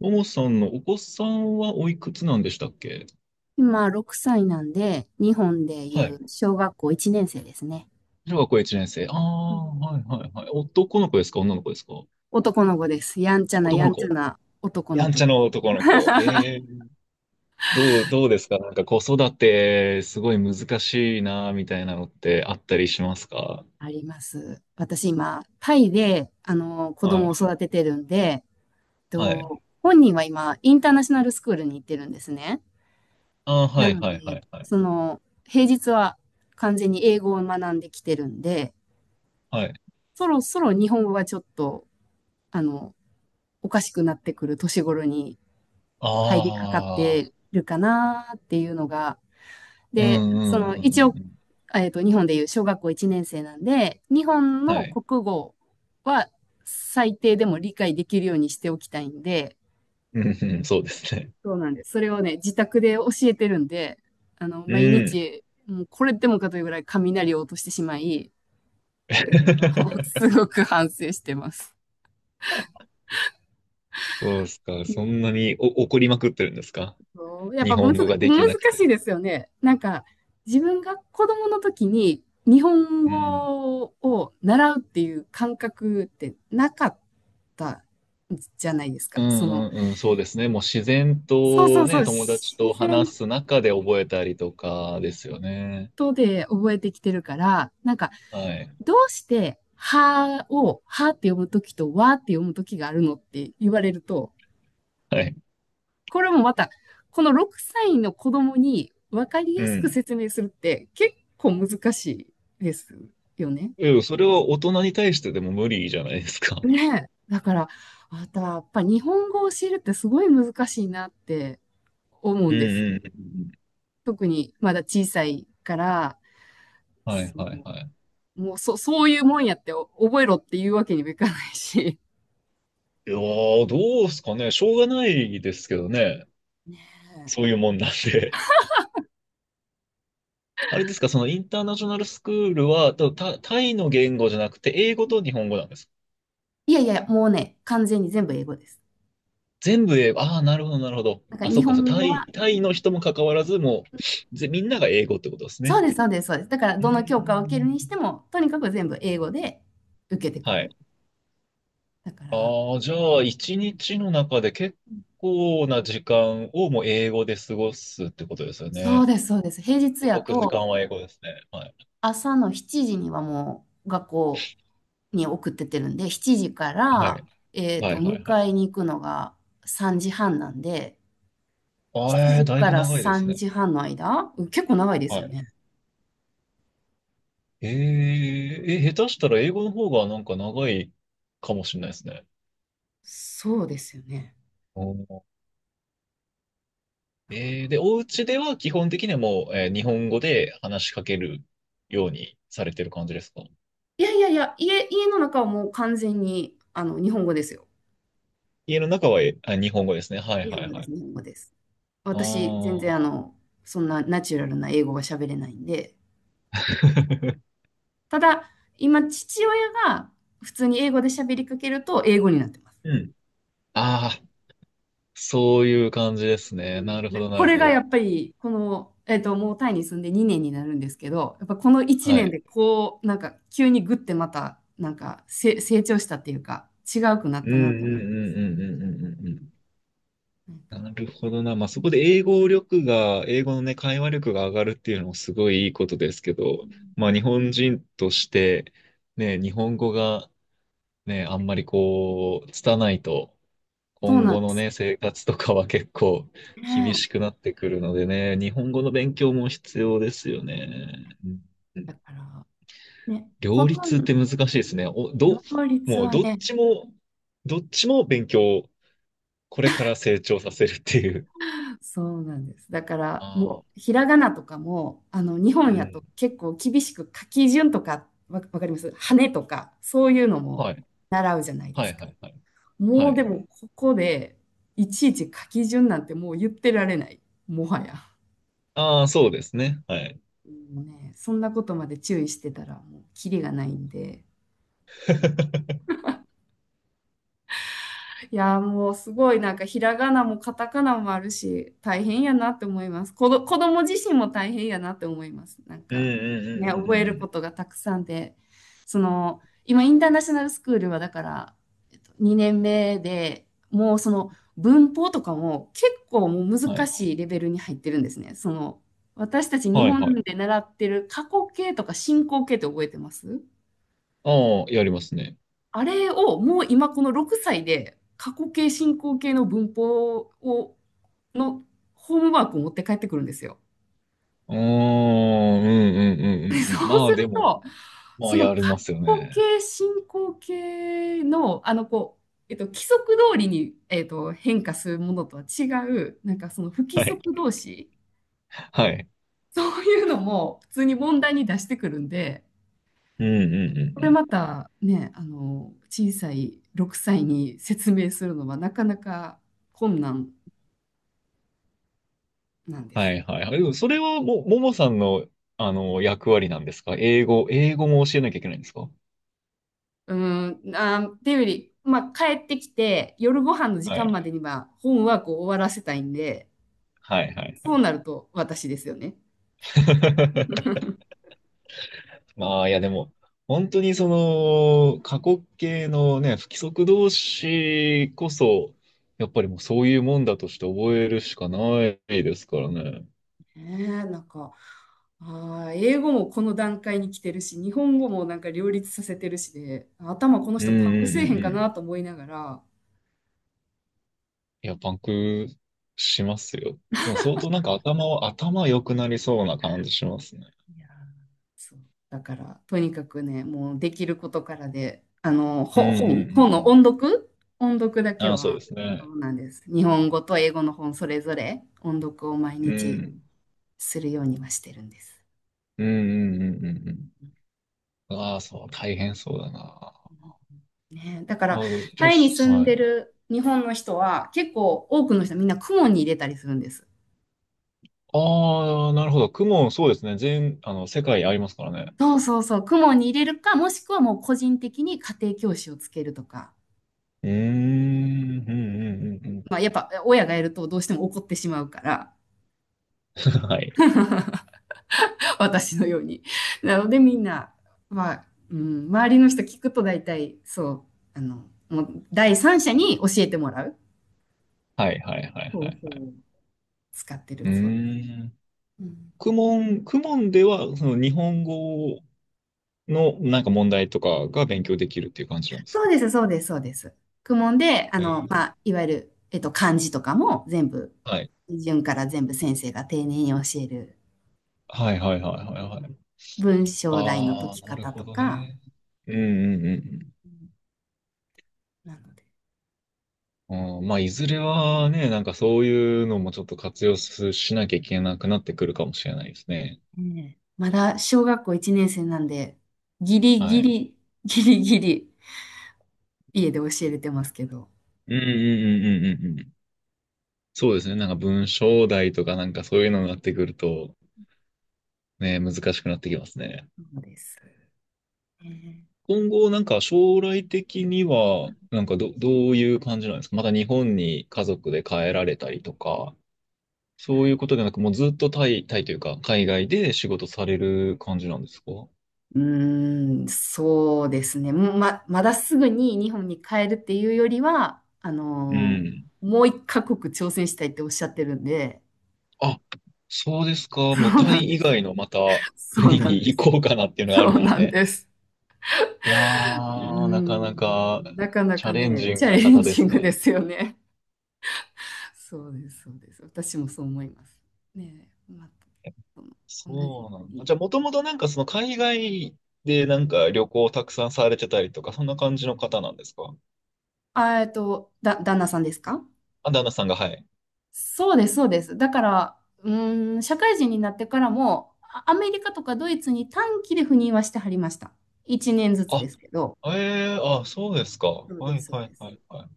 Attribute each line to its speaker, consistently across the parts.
Speaker 1: ももさんのお子さんはおいくつなんでしたっけ？
Speaker 2: 今、6歳なんで、日本でい
Speaker 1: はい。
Speaker 2: う小学校1年生ですね。
Speaker 1: 小学校1年生。あ
Speaker 2: う
Speaker 1: あ、
Speaker 2: ん。
Speaker 1: はいはいはい。男の子ですか、女の子ですか？
Speaker 2: 男の子です。やんちゃな
Speaker 1: 男
Speaker 2: や
Speaker 1: の
Speaker 2: んちゃ
Speaker 1: 子。
Speaker 2: な男の
Speaker 1: やん
Speaker 2: 子
Speaker 1: ちゃ
Speaker 2: です。
Speaker 1: の男の子。ええ。どうですか、なんか子育て、すごい難しいな、みたいなのってあったりしますか？
Speaker 2: あります。私今、タイで、子
Speaker 1: は
Speaker 2: 供を
Speaker 1: い。
Speaker 2: 育ててるんで、
Speaker 1: はい。
Speaker 2: 本人は今、インターナショナルスクールに行ってるんですね。
Speaker 1: ああ、
Speaker 2: な
Speaker 1: はい
Speaker 2: の
Speaker 1: は
Speaker 2: で、
Speaker 1: いはいはい。
Speaker 2: 平日は完全に英語を学んできてるんで、
Speaker 1: はい。
Speaker 2: そろそろ日本語がちょっと、あの、おかしくなってくる年頃に入りかかっ
Speaker 1: ああ、
Speaker 2: てるかなっていうのが。
Speaker 1: う
Speaker 2: で、
Speaker 1: んうんうんう
Speaker 2: 一応、
Speaker 1: んうん。
Speaker 2: 日本でいう小学校1年生なんで、日本
Speaker 1: は
Speaker 2: の
Speaker 1: い。
Speaker 2: 国語は最低でも理解できるようにしておきたいんで、
Speaker 1: うんうん、そうですね。
Speaker 2: そうなんです。それをね、自宅で教えてるんで、
Speaker 1: う
Speaker 2: 毎
Speaker 1: ん。
Speaker 2: 日、もうこれでもかというぐらい雷を落としてしまい、す ごく反省してます。
Speaker 1: そうですか。そんなにお怒りまくってるんですか？
Speaker 2: そうやっ
Speaker 1: 日
Speaker 2: ぱむ
Speaker 1: 本
Speaker 2: ず、
Speaker 1: 語がで
Speaker 2: 難
Speaker 1: きなく
Speaker 2: しい
Speaker 1: て。
Speaker 2: ですよね。なんか、自分が子供の時に日本
Speaker 1: うん。
Speaker 2: 語を習うっていう感覚ってなかったじゃないです
Speaker 1: う
Speaker 2: か。
Speaker 1: んうんうん、そうですね。もう自然
Speaker 2: そうそ
Speaker 1: と
Speaker 2: うそう、
Speaker 1: ね、友達と
Speaker 2: 自然
Speaker 1: 話す中で覚えたりとかですよね。
Speaker 2: とで覚えてきてるから、なんか、
Speaker 1: はい。
Speaker 2: どうして、はを、はって読む時と、わって読む時があるのって言われると、
Speaker 1: はい。
Speaker 2: これもまた、この6歳の子供に分かり
Speaker 1: う
Speaker 2: やすく
Speaker 1: ん。
Speaker 2: 説明するって結構難しいですよね。
Speaker 1: いや、それは大人に対してでも無理じゃないですか。
Speaker 2: ねえ。だから、また、やっぱ日本語を教えるってすごい難しいなって思う
Speaker 1: う
Speaker 2: ん
Speaker 1: ん
Speaker 2: です。
Speaker 1: うんうん。
Speaker 2: 特にまだ小さいから、
Speaker 1: はい
Speaker 2: そ
Speaker 1: はいはい。
Speaker 2: う、もうそういうもんやってお覚えろっていうわけにもいかないし。
Speaker 1: いやー、どうすかね。しょうがないですけどね。
Speaker 2: ねえ。
Speaker 1: そういうもんなんで。あれですか、そのインターナショナルスクールは、タイの言語じゃなくて、英語と日本語なんですか？
Speaker 2: いやいや、もうね、完全に全部英語です。
Speaker 1: 全部英語。ああ、なるほど、なるほど。
Speaker 2: だから
Speaker 1: あ、そ
Speaker 2: 日
Speaker 1: っか、そう、
Speaker 2: 本
Speaker 1: タ
Speaker 2: 語
Speaker 1: イ、
Speaker 2: は。
Speaker 1: タイの人も関わらず、もう、みんなが英語ってことです
Speaker 2: そう
Speaker 1: ね。
Speaker 2: です、そうです、そうです。だから、
Speaker 1: うー
Speaker 2: どの教科を受けるにして
Speaker 1: ん。
Speaker 2: も、とにかく全部英語で受けてく
Speaker 1: は
Speaker 2: る。
Speaker 1: い。
Speaker 2: だから、
Speaker 1: ああ、じゃあ、一
Speaker 2: うん、
Speaker 1: 日の中で結構な時間をもう英語で過ごすってことですよ
Speaker 2: そう
Speaker 1: ね。
Speaker 2: です、そうです。平日
Speaker 1: 5、
Speaker 2: や
Speaker 1: 6時
Speaker 2: と、
Speaker 1: 間は英語ですね。はい。
Speaker 2: 朝の7時にはもう学校に送ってってるんで、7時か
Speaker 1: は
Speaker 2: ら、
Speaker 1: い。はい、はい、はい。
Speaker 2: 迎えに行くのが3時半なんで、
Speaker 1: あ
Speaker 2: 7
Speaker 1: えー、
Speaker 2: 時
Speaker 1: だい
Speaker 2: か
Speaker 1: ぶ
Speaker 2: ら
Speaker 1: 長いです
Speaker 2: 3
Speaker 1: ね。
Speaker 2: 時半の間、うん、結構長いです
Speaker 1: は
Speaker 2: よ
Speaker 1: い。
Speaker 2: ね。
Speaker 1: 下手したら英語の方がなんか長いかもしれないですね。
Speaker 2: そうですよね。だから。
Speaker 1: で、お家では基本的にはもう、日本語で話しかけるようにされてる感じですか？
Speaker 2: いやいやいや、家の中はもう完全に、日本語ですよ。
Speaker 1: 家の中は、日本語ですね。はい
Speaker 2: 日本
Speaker 1: はい
Speaker 2: 語で
Speaker 1: は
Speaker 2: す、
Speaker 1: い。
Speaker 2: 日本語です。
Speaker 1: あ
Speaker 2: 私、全然
Speaker 1: あ。
Speaker 2: そんなナチュラルな英語が喋れないんで、ただ、今、父親が普通に英語で喋りかけると、英語になってます。
Speaker 1: うん。ああ、そういう感じです
Speaker 2: う
Speaker 1: ね。なるほ
Speaker 2: ん。
Speaker 1: どな
Speaker 2: こ
Speaker 1: る
Speaker 2: れ
Speaker 1: ほ
Speaker 2: がや
Speaker 1: ど。
Speaker 2: っぱり、この、もうタイに住んで2年になるんですけど、やっぱこの1
Speaker 1: は
Speaker 2: 年
Speaker 1: い。
Speaker 2: で、こう、なんか、急にグッてまた、なんか成長したっていうか、違うくなっ
Speaker 1: うんう
Speaker 2: たなと思
Speaker 1: んうんうんうんうんうんうん。
Speaker 2: う。なんか
Speaker 1: なるほどな。まあ、そこで英語力が、英語のね、会話力が上がるっていうのもすごいいいことですけど、まあ、日本人として、ね、日本語がね、あんまりこう、拙いと、
Speaker 2: そう
Speaker 1: 今
Speaker 2: なん
Speaker 1: 後
Speaker 2: で
Speaker 1: の
Speaker 2: す
Speaker 1: ね、生活とかは結構厳
Speaker 2: ね。
Speaker 1: しくなってくるのでね、日本語の勉強も必要ですよね。うんう
Speaker 2: だ
Speaker 1: ん。
Speaker 2: から、ね、ほ
Speaker 1: 両
Speaker 2: と
Speaker 1: 立
Speaker 2: ん
Speaker 1: っ
Speaker 2: ど、
Speaker 1: て難しいですね。
Speaker 2: 両立
Speaker 1: もう
Speaker 2: は
Speaker 1: どっ
Speaker 2: ね、
Speaker 1: ちも、どっちも勉強、これから成長させるっていう。
Speaker 2: そうなんです。だから
Speaker 1: ああ、
Speaker 2: もうひらがなとかも日
Speaker 1: う
Speaker 2: 本やと
Speaker 1: ん。
Speaker 2: 結構厳しく書き順とか、わかります羽とかそういうのも
Speaker 1: はい。
Speaker 2: 習うじゃないで
Speaker 1: は
Speaker 2: す
Speaker 1: い
Speaker 2: か。
Speaker 1: はいはい。は
Speaker 2: もうで
Speaker 1: い。
Speaker 2: もここでいちいち書き順なんてもう言ってられない。もはや。
Speaker 1: ああ、そうですね。はい。
Speaker 2: もうね、そんなことまで注意してたらもうキリがないんで。いやー、もうすごいなんかひらがなもカタカナもあるし、大変やなって思います。子供自身も大変やなって思います。なん
Speaker 1: うん
Speaker 2: か
Speaker 1: うんうんう
Speaker 2: ね、
Speaker 1: んう
Speaker 2: 覚え
Speaker 1: んう
Speaker 2: るこ
Speaker 1: ん。
Speaker 2: とがたくさんで、今インターナショナルスクールはだから、2年目でもうその文法とかも結構もう
Speaker 1: は
Speaker 2: 難
Speaker 1: い。
Speaker 2: しいレベルに入ってるんですね。私たち日
Speaker 1: はい
Speaker 2: 本
Speaker 1: はい。
Speaker 2: で習ってる過去形とか進行形って覚えてます？
Speaker 1: ああ、やりますね。
Speaker 2: あれをもう今この6歳で過去形進行形の文法のホームワークを持って帰ってくるんですよ。
Speaker 1: うーん、うんうん
Speaker 2: で
Speaker 1: うんう
Speaker 2: そ
Speaker 1: んうん。
Speaker 2: う
Speaker 1: ま
Speaker 2: す
Speaker 1: あで
Speaker 2: る
Speaker 1: も、
Speaker 2: と
Speaker 1: ま
Speaker 2: そ
Speaker 1: あ、
Speaker 2: の
Speaker 1: やり
Speaker 2: 過
Speaker 1: ますよ
Speaker 2: 去
Speaker 1: ね。
Speaker 2: 形進行形のこう、規則通りに、変化するものとは違うなんかその不規
Speaker 1: はい。
Speaker 2: 則動詞、
Speaker 1: はい。
Speaker 2: そういうのも普通に問題に出してくるんで、
Speaker 1: うんうんう
Speaker 2: こ
Speaker 1: んう
Speaker 2: れ
Speaker 1: ん。
Speaker 2: またね小さい6歳に説明するのはなかなか困難なんで
Speaker 1: は
Speaker 2: す。
Speaker 1: いはいはい。でも、それは、もさんの、役割なんですか？英語も教えなきゃいけないんですか？
Speaker 2: うん、っていうより、まあ、帰ってきて、夜ご飯の時
Speaker 1: は
Speaker 2: 間
Speaker 1: い。
Speaker 2: までには本ワークを終わらせたいんで、
Speaker 1: はいはいは
Speaker 2: そう
Speaker 1: い。
Speaker 2: なると私ですよね。
Speaker 1: まあ、いやでも、本当にその、過去形のね、不規則動詞こそ、やっぱりもうそういうもんだとして覚えるしかないですからね。
Speaker 2: なんか、英語もこの段階に来てるし、日本語もなんか両立させてるしで、頭この
Speaker 1: うん
Speaker 2: 人パンク
Speaker 1: うん
Speaker 2: せえ
Speaker 1: う
Speaker 2: へ
Speaker 1: ん
Speaker 2: ん
Speaker 1: う
Speaker 2: かな
Speaker 1: ん。
Speaker 2: と思いながら、
Speaker 1: いや、パンクしますよ。でも相当なんか頭良くなりそうな感じしますね。
Speaker 2: いやー、だから、とにかくね、もうできることからで、
Speaker 1: うんうんうんう
Speaker 2: 本の
Speaker 1: ん。
Speaker 2: 音読、音読だけ
Speaker 1: ああ、そう
Speaker 2: は、
Speaker 1: です
Speaker 2: そ
Speaker 1: ね。
Speaker 2: うなんです。日本語と英語の本それぞれ音読を毎
Speaker 1: う
Speaker 2: 日
Speaker 1: ん。
Speaker 2: するようにはしてるんです。
Speaker 1: うんうんうんうんうん。ああ、そう、大変そうだな。あ
Speaker 2: ね、だか
Speaker 1: あ、
Speaker 2: ら、
Speaker 1: ちょっ
Speaker 2: タイに住
Speaker 1: と、
Speaker 2: ん
Speaker 1: は
Speaker 2: で
Speaker 1: い。
Speaker 2: る日本の人は、結構多くの人はみんな公文に入れたりするんです。
Speaker 1: ああ、なるほど。雲、そうですね。全、あの、世界ありますからね。
Speaker 2: そうそうそう、公文に入れるか、もしくはもう個人的に家庭教師をつけるとか。
Speaker 1: うーん、うんうんうんう
Speaker 2: まあ、やっぱ親がやるとどうしても怒ってしまうから、
Speaker 1: ん。はい。
Speaker 2: 私のように。なのでみんな、まあ、うん、周りの人聞くと大体、そう、もう第三者に教えてもらう
Speaker 1: はいはいはいは
Speaker 2: 方法
Speaker 1: い。
Speaker 2: を使ってる、
Speaker 1: うー
Speaker 2: そうです。
Speaker 1: ん。
Speaker 2: うん。
Speaker 1: クモンでは、その日本語の、なんか問題とかが勉強できるっていう感じなんです
Speaker 2: そ
Speaker 1: か？
Speaker 2: うです、そうです、そうです。公文で、
Speaker 1: え
Speaker 2: ま
Speaker 1: ー
Speaker 2: あ、いわゆる、漢字とかも全部、
Speaker 1: はい。
Speaker 2: 順から全部先生が丁寧に教える、
Speaker 1: はいはいはいはいはい。
Speaker 2: 文章題の解
Speaker 1: あ
Speaker 2: き
Speaker 1: あ、なる
Speaker 2: 方
Speaker 1: ほ
Speaker 2: と
Speaker 1: ど
Speaker 2: か、
Speaker 1: ね。うんうんうん
Speaker 2: うん。なので、
Speaker 1: うん。まあ、いずれはね、なんかそういうのもちょっと活用すしなきゃいけなくなってくるかもしれないですね。
Speaker 2: ね、まだ小学校1年生なんで、ギリ
Speaker 1: は
Speaker 2: ギ
Speaker 1: い。
Speaker 2: リ、ギリギリ、家で教えれてますけど、
Speaker 1: うんうんうん
Speaker 2: う
Speaker 1: うん
Speaker 2: ん。
Speaker 1: うんうん。そうですね。なんか文章題とかなんかそういうのになってくると、ね、難しくなってきますね。
Speaker 2: そうです。ね。
Speaker 1: 今後、なんか将来的には、なんかどういう感じなんですか？また日本に家族で帰られたりとか、そういうことでなく、もうずっとタイというか、海外で仕事される感じなんですか？
Speaker 2: うーん、そうですね。まだすぐに日本に帰るっていうよりは、
Speaker 1: うん。
Speaker 2: もう一カ国挑戦したいっておっしゃってるんで、
Speaker 1: あ、そうですか。
Speaker 2: そ
Speaker 1: もう
Speaker 2: う
Speaker 1: タ
Speaker 2: な
Speaker 1: イ
Speaker 2: んで
Speaker 1: 以
Speaker 2: す。
Speaker 1: 外のまた
Speaker 2: そう
Speaker 1: 国
Speaker 2: な
Speaker 1: に
Speaker 2: んで
Speaker 1: 行
Speaker 2: す。
Speaker 1: こうかなっていうのがあ
Speaker 2: そ
Speaker 1: る
Speaker 2: う
Speaker 1: んです
Speaker 2: なん
Speaker 1: ね。
Speaker 2: です。
Speaker 1: いや
Speaker 2: うー
Speaker 1: ー、なかな
Speaker 2: ん、
Speaker 1: か。
Speaker 2: なかな
Speaker 1: チャ
Speaker 2: か
Speaker 1: レン
Speaker 2: ね、
Speaker 1: ジン
Speaker 2: チ
Speaker 1: グ
Speaker 2: ャ
Speaker 1: な
Speaker 2: レン
Speaker 1: 方で
Speaker 2: ジン
Speaker 1: す
Speaker 2: グで
Speaker 1: ね。
Speaker 2: すよね。そうです、そうです。私もそう思います。ねえ、まあ、同じよ
Speaker 1: そうな
Speaker 2: う
Speaker 1: んだ。
Speaker 2: に。
Speaker 1: じゃあ、もともとなんかその海外でなんか旅行をたくさんされてたりとか、そんな感じの方なんですか？
Speaker 2: 旦那さんですか？
Speaker 1: あ、旦那さんが、はい。
Speaker 2: そうです、そうです。だから、うーん、社会人になってからも、アメリカとかドイツに短期で赴任はしてはりました。1年ずつ
Speaker 1: あ、
Speaker 2: ですけど。
Speaker 1: ええあ、そうですか。
Speaker 2: そう
Speaker 1: は
Speaker 2: で
Speaker 1: い
Speaker 2: す、そう
Speaker 1: は
Speaker 2: で
Speaker 1: いは
Speaker 2: す。
Speaker 1: いはい。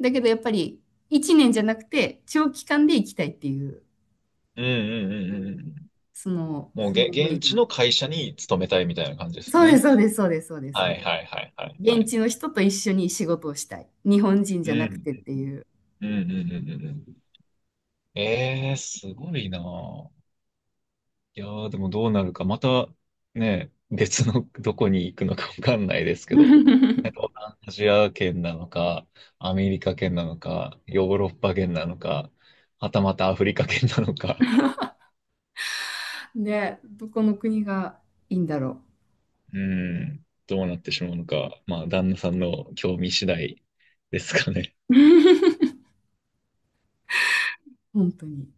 Speaker 2: だけどやっぱり、1年じゃなくて、長期間で行きたいっていう、
Speaker 1: うんうんうんうんうん。
Speaker 2: その、
Speaker 1: もう
Speaker 2: その思
Speaker 1: 現
Speaker 2: い
Speaker 1: 地の
Speaker 2: が。
Speaker 1: 会社に勤めたいみたいな感じですよ
Speaker 2: そうで
Speaker 1: ね。
Speaker 2: す、そうです、そうです、そうです、そ
Speaker 1: は
Speaker 2: う
Speaker 1: い
Speaker 2: です。
Speaker 1: はいはいはいは
Speaker 2: 現
Speaker 1: い。
Speaker 2: 地の人と一緒に仕事をしたい。日本人
Speaker 1: う
Speaker 2: じゃなく
Speaker 1: ん
Speaker 2: てっていう。
Speaker 1: うんうんうんうんうんうん。ええ、すごいなぁ。いやー、でもどうなるか、またね、別のどこに行くのかわかんないですけど、なん かアジア圏なのか、アメリカ圏なのか、ヨーロッパ圏なのか、はたまたアフリカ圏なのか、
Speaker 2: ね、どこの国がいいんだろ
Speaker 1: うん、どうなってしまうのか、まあ、旦那さんの興味次第ですかね。
Speaker 2: う。本当に。